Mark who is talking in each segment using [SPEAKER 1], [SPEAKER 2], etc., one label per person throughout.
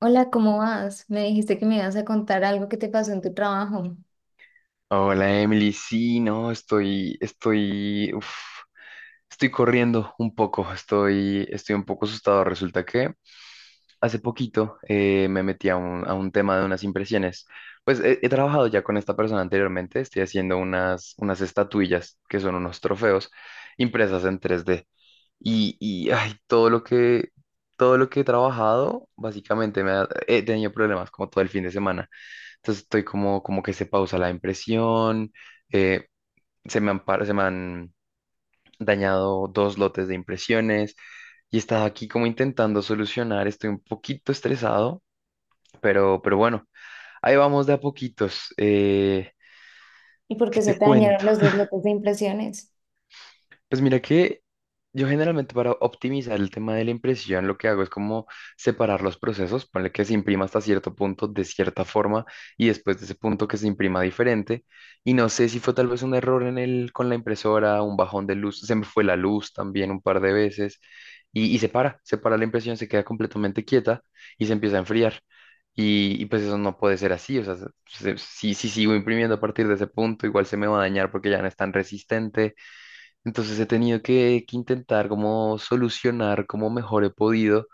[SPEAKER 1] Hola, ¿cómo vas? Me dijiste que me ibas a contar algo que te pasó en tu trabajo
[SPEAKER 2] Hola Emily, sí, no, uf, estoy corriendo un poco, estoy un poco asustado. Resulta que hace poquito me metí a un tema de unas impresiones. Pues he trabajado ya con esta persona anteriormente, estoy haciendo unas estatuillas que son unos trofeos impresas en 3D. Y ay, todo lo que he trabajado, básicamente he tenido problemas como todo el fin de semana. Entonces estoy como que se pausa la impresión, eh, se me han dañado dos lotes de impresiones y he estado aquí como intentando solucionar. Estoy un poquito estresado, pero bueno, ahí vamos de a poquitos.
[SPEAKER 1] y por
[SPEAKER 2] ¿Qué
[SPEAKER 1] qué se
[SPEAKER 2] te
[SPEAKER 1] te dañaron
[SPEAKER 2] cuento?
[SPEAKER 1] los dos lotes de impresiones.
[SPEAKER 2] Pues mira que yo generalmente para optimizar el tema de la impresión lo que hago es como separar los procesos, ponle que se imprima hasta cierto punto de cierta forma y después de ese punto que se imprima diferente. Y no sé si fue tal vez un error con la impresora, un bajón de luz, se me fue la luz también un par de veces y se para la impresión, se queda completamente quieta y se empieza a enfriar. Y pues eso no puede ser así, o sea, si sigo imprimiendo a partir de ese punto, igual se me va a dañar porque ya no es tan resistente, entonces he tenido que intentar como solucionar como mejor he podido,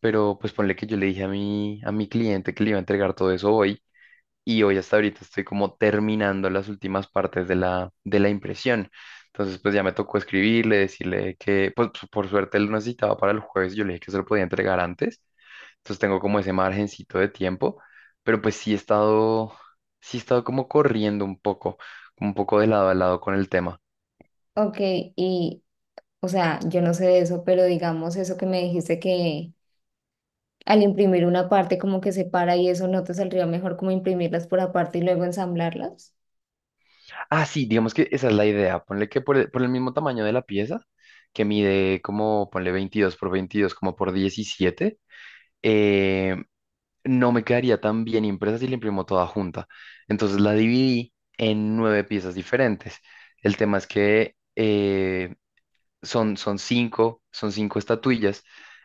[SPEAKER 2] pero pues ponle que yo le dije a mi cliente que le iba a entregar todo eso hoy y hoy hasta ahorita estoy como terminando las últimas partes de la impresión. Entonces pues ya me tocó escribirle, decirle que pues por suerte él lo necesitaba para el jueves, yo le dije que se lo podía entregar antes, entonces tengo como ese margencito de tiempo, pero pues sí he estado como corriendo un poco de lado a lado con el tema.
[SPEAKER 1] Ok, y, yo no sé de eso, pero digamos eso que me dijiste que al imprimir una parte como que se para y eso, ¿no te saldría mejor como imprimirlas por aparte y luego ensamblarlas?
[SPEAKER 2] Ah, sí, digamos que esa es la idea. Ponle que por el mismo tamaño de la pieza, que mide como, ponle 22 por 22, como por 17, eh, no me quedaría tan bien impresa si la imprimo toda junta. Entonces la dividí en nueve piezas diferentes. El tema es que son cinco estatuillas,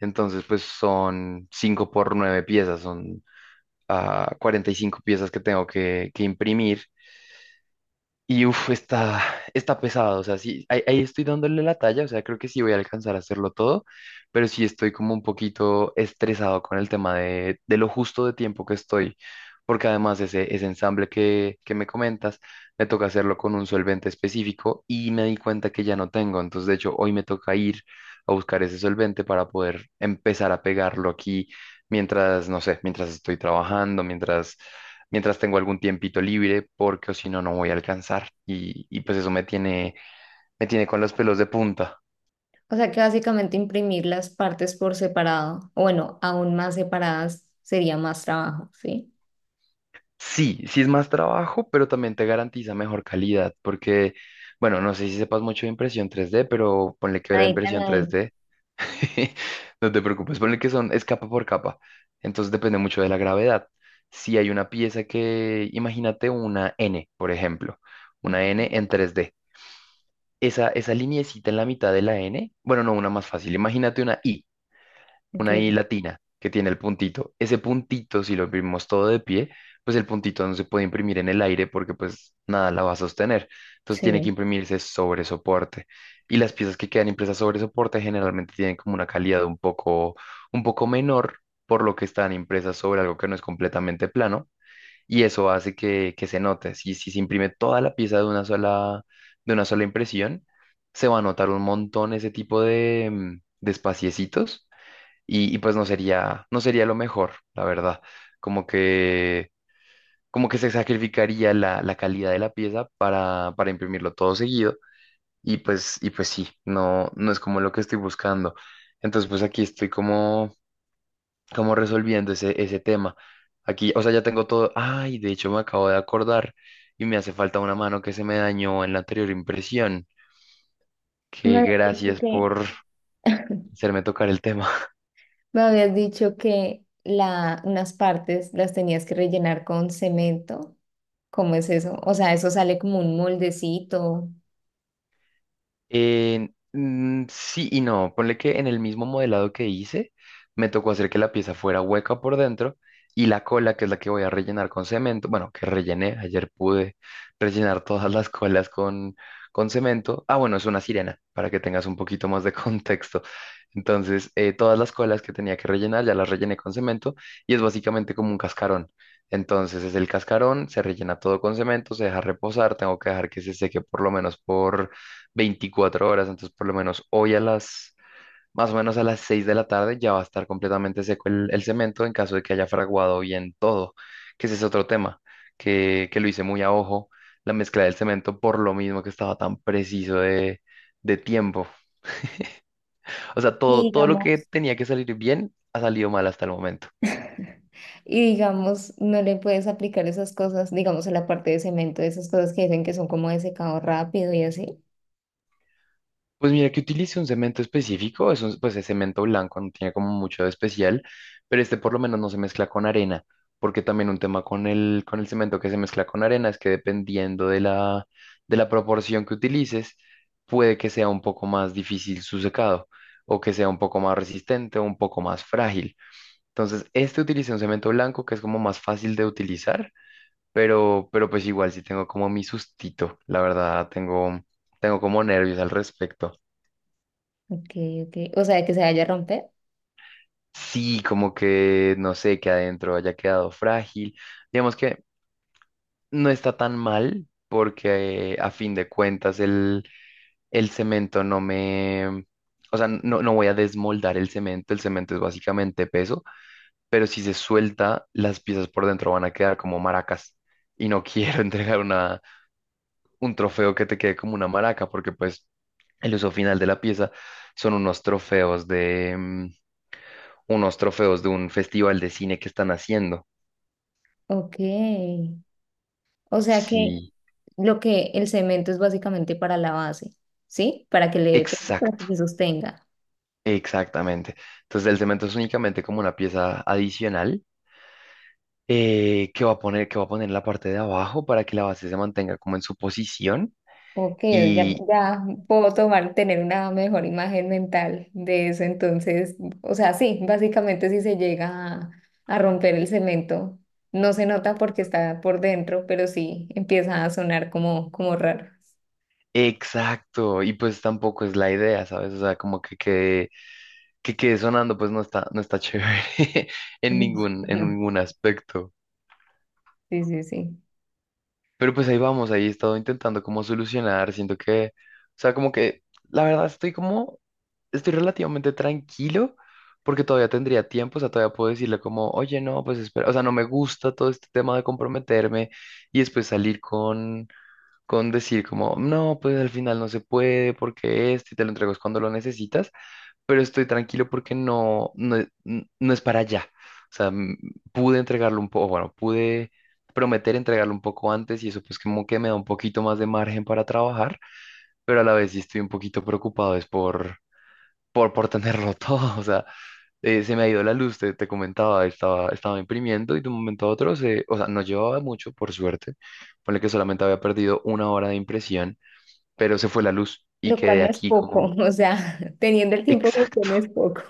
[SPEAKER 2] entonces pues son cinco por nueve piezas, son 45 piezas que tengo que imprimir y uff, está pesado, o sea, sí, ahí estoy dándole la talla, o sea, creo que sí voy a alcanzar a hacerlo todo, pero sí estoy como un poquito estresado con el tema de lo justo de tiempo que estoy, porque además ese ensamble que me comentas, me toca hacerlo con un solvente específico y me di cuenta que ya no tengo, entonces de hecho hoy me toca ir a buscar ese solvente para poder empezar a pegarlo aquí mientras, no sé, mientras estoy trabajando, mientras tengo algún tiempito libre, porque o si no, no voy a alcanzar. Y pues eso me tiene con los pelos de punta.
[SPEAKER 1] O sea que básicamente imprimir las partes por separado, o bueno, aún más separadas sería más trabajo, ¿sí?
[SPEAKER 2] Sí, sí es más trabajo, pero también te garantiza mejor calidad, porque, bueno, no sé si sepas mucho de impresión 3D, pero ponle que la
[SPEAKER 1] Ahí,
[SPEAKER 2] impresión
[SPEAKER 1] ahí.
[SPEAKER 2] 3D, no te preocupes, ponle que es capa por capa, entonces depende mucho de la gravedad. Si hay una pieza imagínate una N, por ejemplo,
[SPEAKER 1] Ok,
[SPEAKER 2] una N en 3D. Esa lineecita en la mitad de la N, bueno, no, una más fácil, imagínate
[SPEAKER 1] ok,
[SPEAKER 2] una I latina que tiene el puntito. Ese puntito, si lo imprimimos todo de pie, pues el puntito no se puede imprimir en el aire porque pues nada la va a sostener. Entonces tiene que
[SPEAKER 1] sí.
[SPEAKER 2] imprimirse sobre soporte. Y las piezas que quedan impresas sobre soporte generalmente tienen como una calidad un poco menor, por lo que están impresas sobre algo que no es completamente plano y eso hace que se note. Si se imprime toda la pieza de una sola impresión, se va a notar un montón ese tipo de espaciecitos y pues no sería lo mejor, la verdad. Como que, como que se sacrificaría la calidad de la pieza para imprimirlo todo seguido y pues sí, no, no es como lo que estoy buscando. Entonces pues aquí estoy como resolviendo ese tema. Aquí, o sea, ya tengo todo. Ay, de hecho me acabo de acordar y me hace falta una mano que se me dañó en la anterior impresión.
[SPEAKER 1] Me
[SPEAKER 2] Que
[SPEAKER 1] habías dicho
[SPEAKER 2] gracias
[SPEAKER 1] que
[SPEAKER 2] por hacerme tocar el tema.
[SPEAKER 1] Me habías dicho que unas partes las tenías que rellenar con cemento. ¿Cómo es eso? O sea, eso sale como un moldecito.
[SPEAKER 2] Mm, sí y no, ponle que en el mismo modelado que hice, me tocó hacer que la pieza fuera hueca por dentro y la cola, que es la que voy a rellenar con cemento, bueno, que rellené, ayer pude rellenar todas las colas con, cemento. Ah, bueno, es una sirena, para que tengas un poquito más de contexto. Entonces, todas las colas que tenía que rellenar ya las rellené con cemento y es básicamente como un cascarón. Entonces es el cascarón, se rellena todo con cemento, se deja reposar, tengo que dejar que se seque por lo menos por 24 horas, entonces por lo menos hoy más o menos a las 6 de la tarde ya va a estar completamente seco el cemento en caso de que haya fraguado bien todo, que ese es otro tema, que lo hice muy a ojo, la mezcla del cemento por lo mismo que estaba tan preciso de tiempo. O sea,
[SPEAKER 1] Y
[SPEAKER 2] todo lo que
[SPEAKER 1] digamos,
[SPEAKER 2] tenía que salir bien ha salido mal hasta el momento.
[SPEAKER 1] y digamos, ¿no le puedes aplicar esas cosas, digamos, a la parte de cemento, esas cosas que dicen que son como de secado rápido y así?
[SPEAKER 2] Pues mira que utilice un cemento específico, pues es cemento blanco, no tiene como mucho de especial, pero este por lo menos no se mezcla con arena, porque también un tema con el, cemento que se mezcla con arena es que dependiendo de la proporción que utilices, puede que sea un poco más difícil su secado, o que sea un poco más resistente o un poco más frágil. Entonces, este utiliza un cemento blanco que es como más fácil de utilizar, pero pues igual sí tengo como mi sustito, la verdad, tengo como nervios al respecto.
[SPEAKER 1] Ok, ok. O sea, que se vaya a romper.
[SPEAKER 2] Sí, como que no sé, que adentro haya quedado frágil. Digamos que no está tan mal porque a fin de cuentas el cemento no me... O sea, no, no voy a desmoldar el cemento es básicamente peso, pero si se suelta, las piezas por dentro van a quedar como maracas. Y no quiero entregar un trofeo que te quede como una maraca, porque pues el uso final de la pieza son unos trofeos de un festival de cine que están haciendo.
[SPEAKER 1] Ok. O sea que
[SPEAKER 2] Sí,
[SPEAKER 1] Lo que el cemento es básicamente para la base, ¿sí? Para que le dé peso, para
[SPEAKER 2] exacto,
[SPEAKER 1] que se sostenga.
[SPEAKER 2] exactamente. Entonces el cemento es únicamente como una pieza adicional, que va a poner en la parte de abajo para que la base se mantenga como en su posición.
[SPEAKER 1] Ok, ya,
[SPEAKER 2] Y
[SPEAKER 1] ya puedo tomar, tener una mejor imagen mental de eso. Entonces, o sea, sí, básicamente si se llega a, a romper el cemento, no se nota porque está por dentro, pero sí empieza a sonar como, como raro.
[SPEAKER 2] exacto, y pues tampoco es la idea, ¿sabes? O sea, como que quede sonando, pues no está chévere en
[SPEAKER 1] Ujú.
[SPEAKER 2] ningún, en
[SPEAKER 1] No,
[SPEAKER 2] ningún aspecto.
[SPEAKER 1] sí, sí, sí.
[SPEAKER 2] Pero pues ahí vamos, ahí he estado intentando como solucionar, siento que, o sea, como que la verdad estoy relativamente tranquilo porque todavía tendría tiempo, o sea, todavía puedo decirle como, oye, no, pues espera, o sea, no me gusta todo este tema de comprometerme y después salir con decir como, no, pues al final no se puede porque esto y te lo entregas cuando lo necesitas, pero estoy tranquilo porque no, no, no es para allá. O sea, pude entregarlo un poco, bueno, pude prometer entregarlo un poco antes y eso pues como que me da un poquito más de margen para trabajar, pero a la vez sí estoy un poquito preocupado, es por tenerlo todo. O sea, se me ha ido la luz, te comentaba, estaba imprimiendo y de un momento a otro, o sea, no llevaba mucho, por suerte, ponle que solamente había perdido 1 hora de impresión, pero se fue la luz y
[SPEAKER 1] Lo cual
[SPEAKER 2] quedé
[SPEAKER 1] no es
[SPEAKER 2] aquí
[SPEAKER 1] poco,
[SPEAKER 2] como...
[SPEAKER 1] o sea, teniendo el tiempo justo
[SPEAKER 2] Exacto.
[SPEAKER 1] no es poco.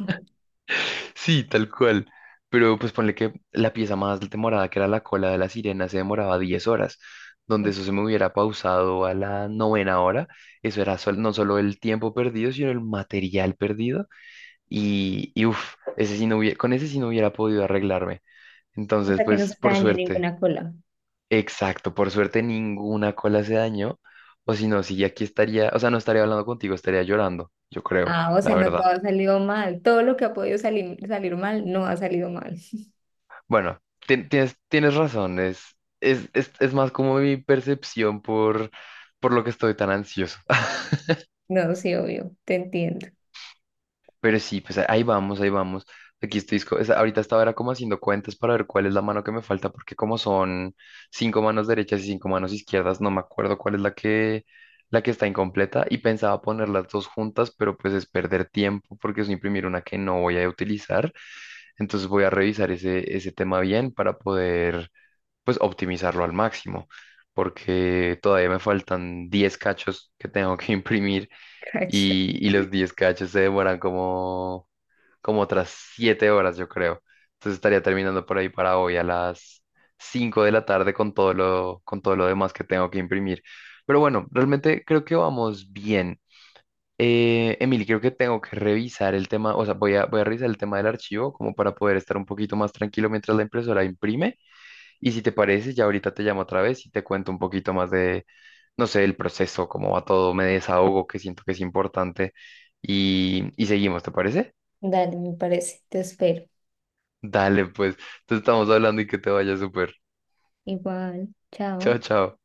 [SPEAKER 2] Sí, tal cual. Pero pues ponle que la pieza más demorada, que era la cola de la sirena, se demoraba 10 horas. Donde eso se me hubiera pausado a la novena hora, eso era no solo el tiempo perdido, sino el material perdido. Y uff, ese sí no hubie- con ese sí no hubiera podido arreglarme.
[SPEAKER 1] O
[SPEAKER 2] Entonces,
[SPEAKER 1] sea, que no se
[SPEAKER 2] pues
[SPEAKER 1] te
[SPEAKER 2] por
[SPEAKER 1] dañó
[SPEAKER 2] suerte,
[SPEAKER 1] ninguna cola.
[SPEAKER 2] exacto, por suerte ninguna cola se dañó. O si no, sí, aquí estaría, o sea, no estaría hablando contigo, estaría llorando, yo creo,
[SPEAKER 1] Ah, o
[SPEAKER 2] la
[SPEAKER 1] sea, no
[SPEAKER 2] verdad.
[SPEAKER 1] todo ha salido mal. Todo lo que ha podido salir, salir mal no ha salido mal.
[SPEAKER 2] Bueno, tienes razón, es más como mi percepción por lo que estoy tan ansioso.
[SPEAKER 1] No, sí, obvio, te entiendo.
[SPEAKER 2] Pero sí, pues ahí vamos, ahí vamos. Aquí estoy, ahorita estaba era como haciendo cuentas para ver cuál es la mano que me falta, porque como son cinco manos derechas y cinco manos izquierdas, no me acuerdo cuál es la que está incompleta y pensaba poner las dos juntas, pero pues es perder tiempo porque es imprimir una que no voy a utilizar. Entonces voy a revisar ese tema bien para poder pues optimizarlo al máximo, porque todavía me faltan 10 cachos que tengo que imprimir
[SPEAKER 1] Cacho.
[SPEAKER 2] y los 10 cachos se demoran como otras 7 horas, yo creo. Entonces estaría terminando por ahí para hoy a las 5 de la tarde con todo lo demás que tengo que imprimir. Pero bueno, realmente creo que vamos bien. Emily, creo que tengo que revisar el tema, o sea, voy a revisar el tema del archivo como para poder estar un poquito más tranquilo mientras la impresora imprime. Y si te parece, ya ahorita te llamo otra vez y te cuento un poquito más de, no sé, el proceso, cómo va todo, me desahogo, que siento que es importante y seguimos, ¿te parece?
[SPEAKER 1] Dale, me parece. Te espero.
[SPEAKER 2] Dale, pues, te estamos hablando y que te vaya súper.
[SPEAKER 1] Igual. Chao.
[SPEAKER 2] Chao, chao.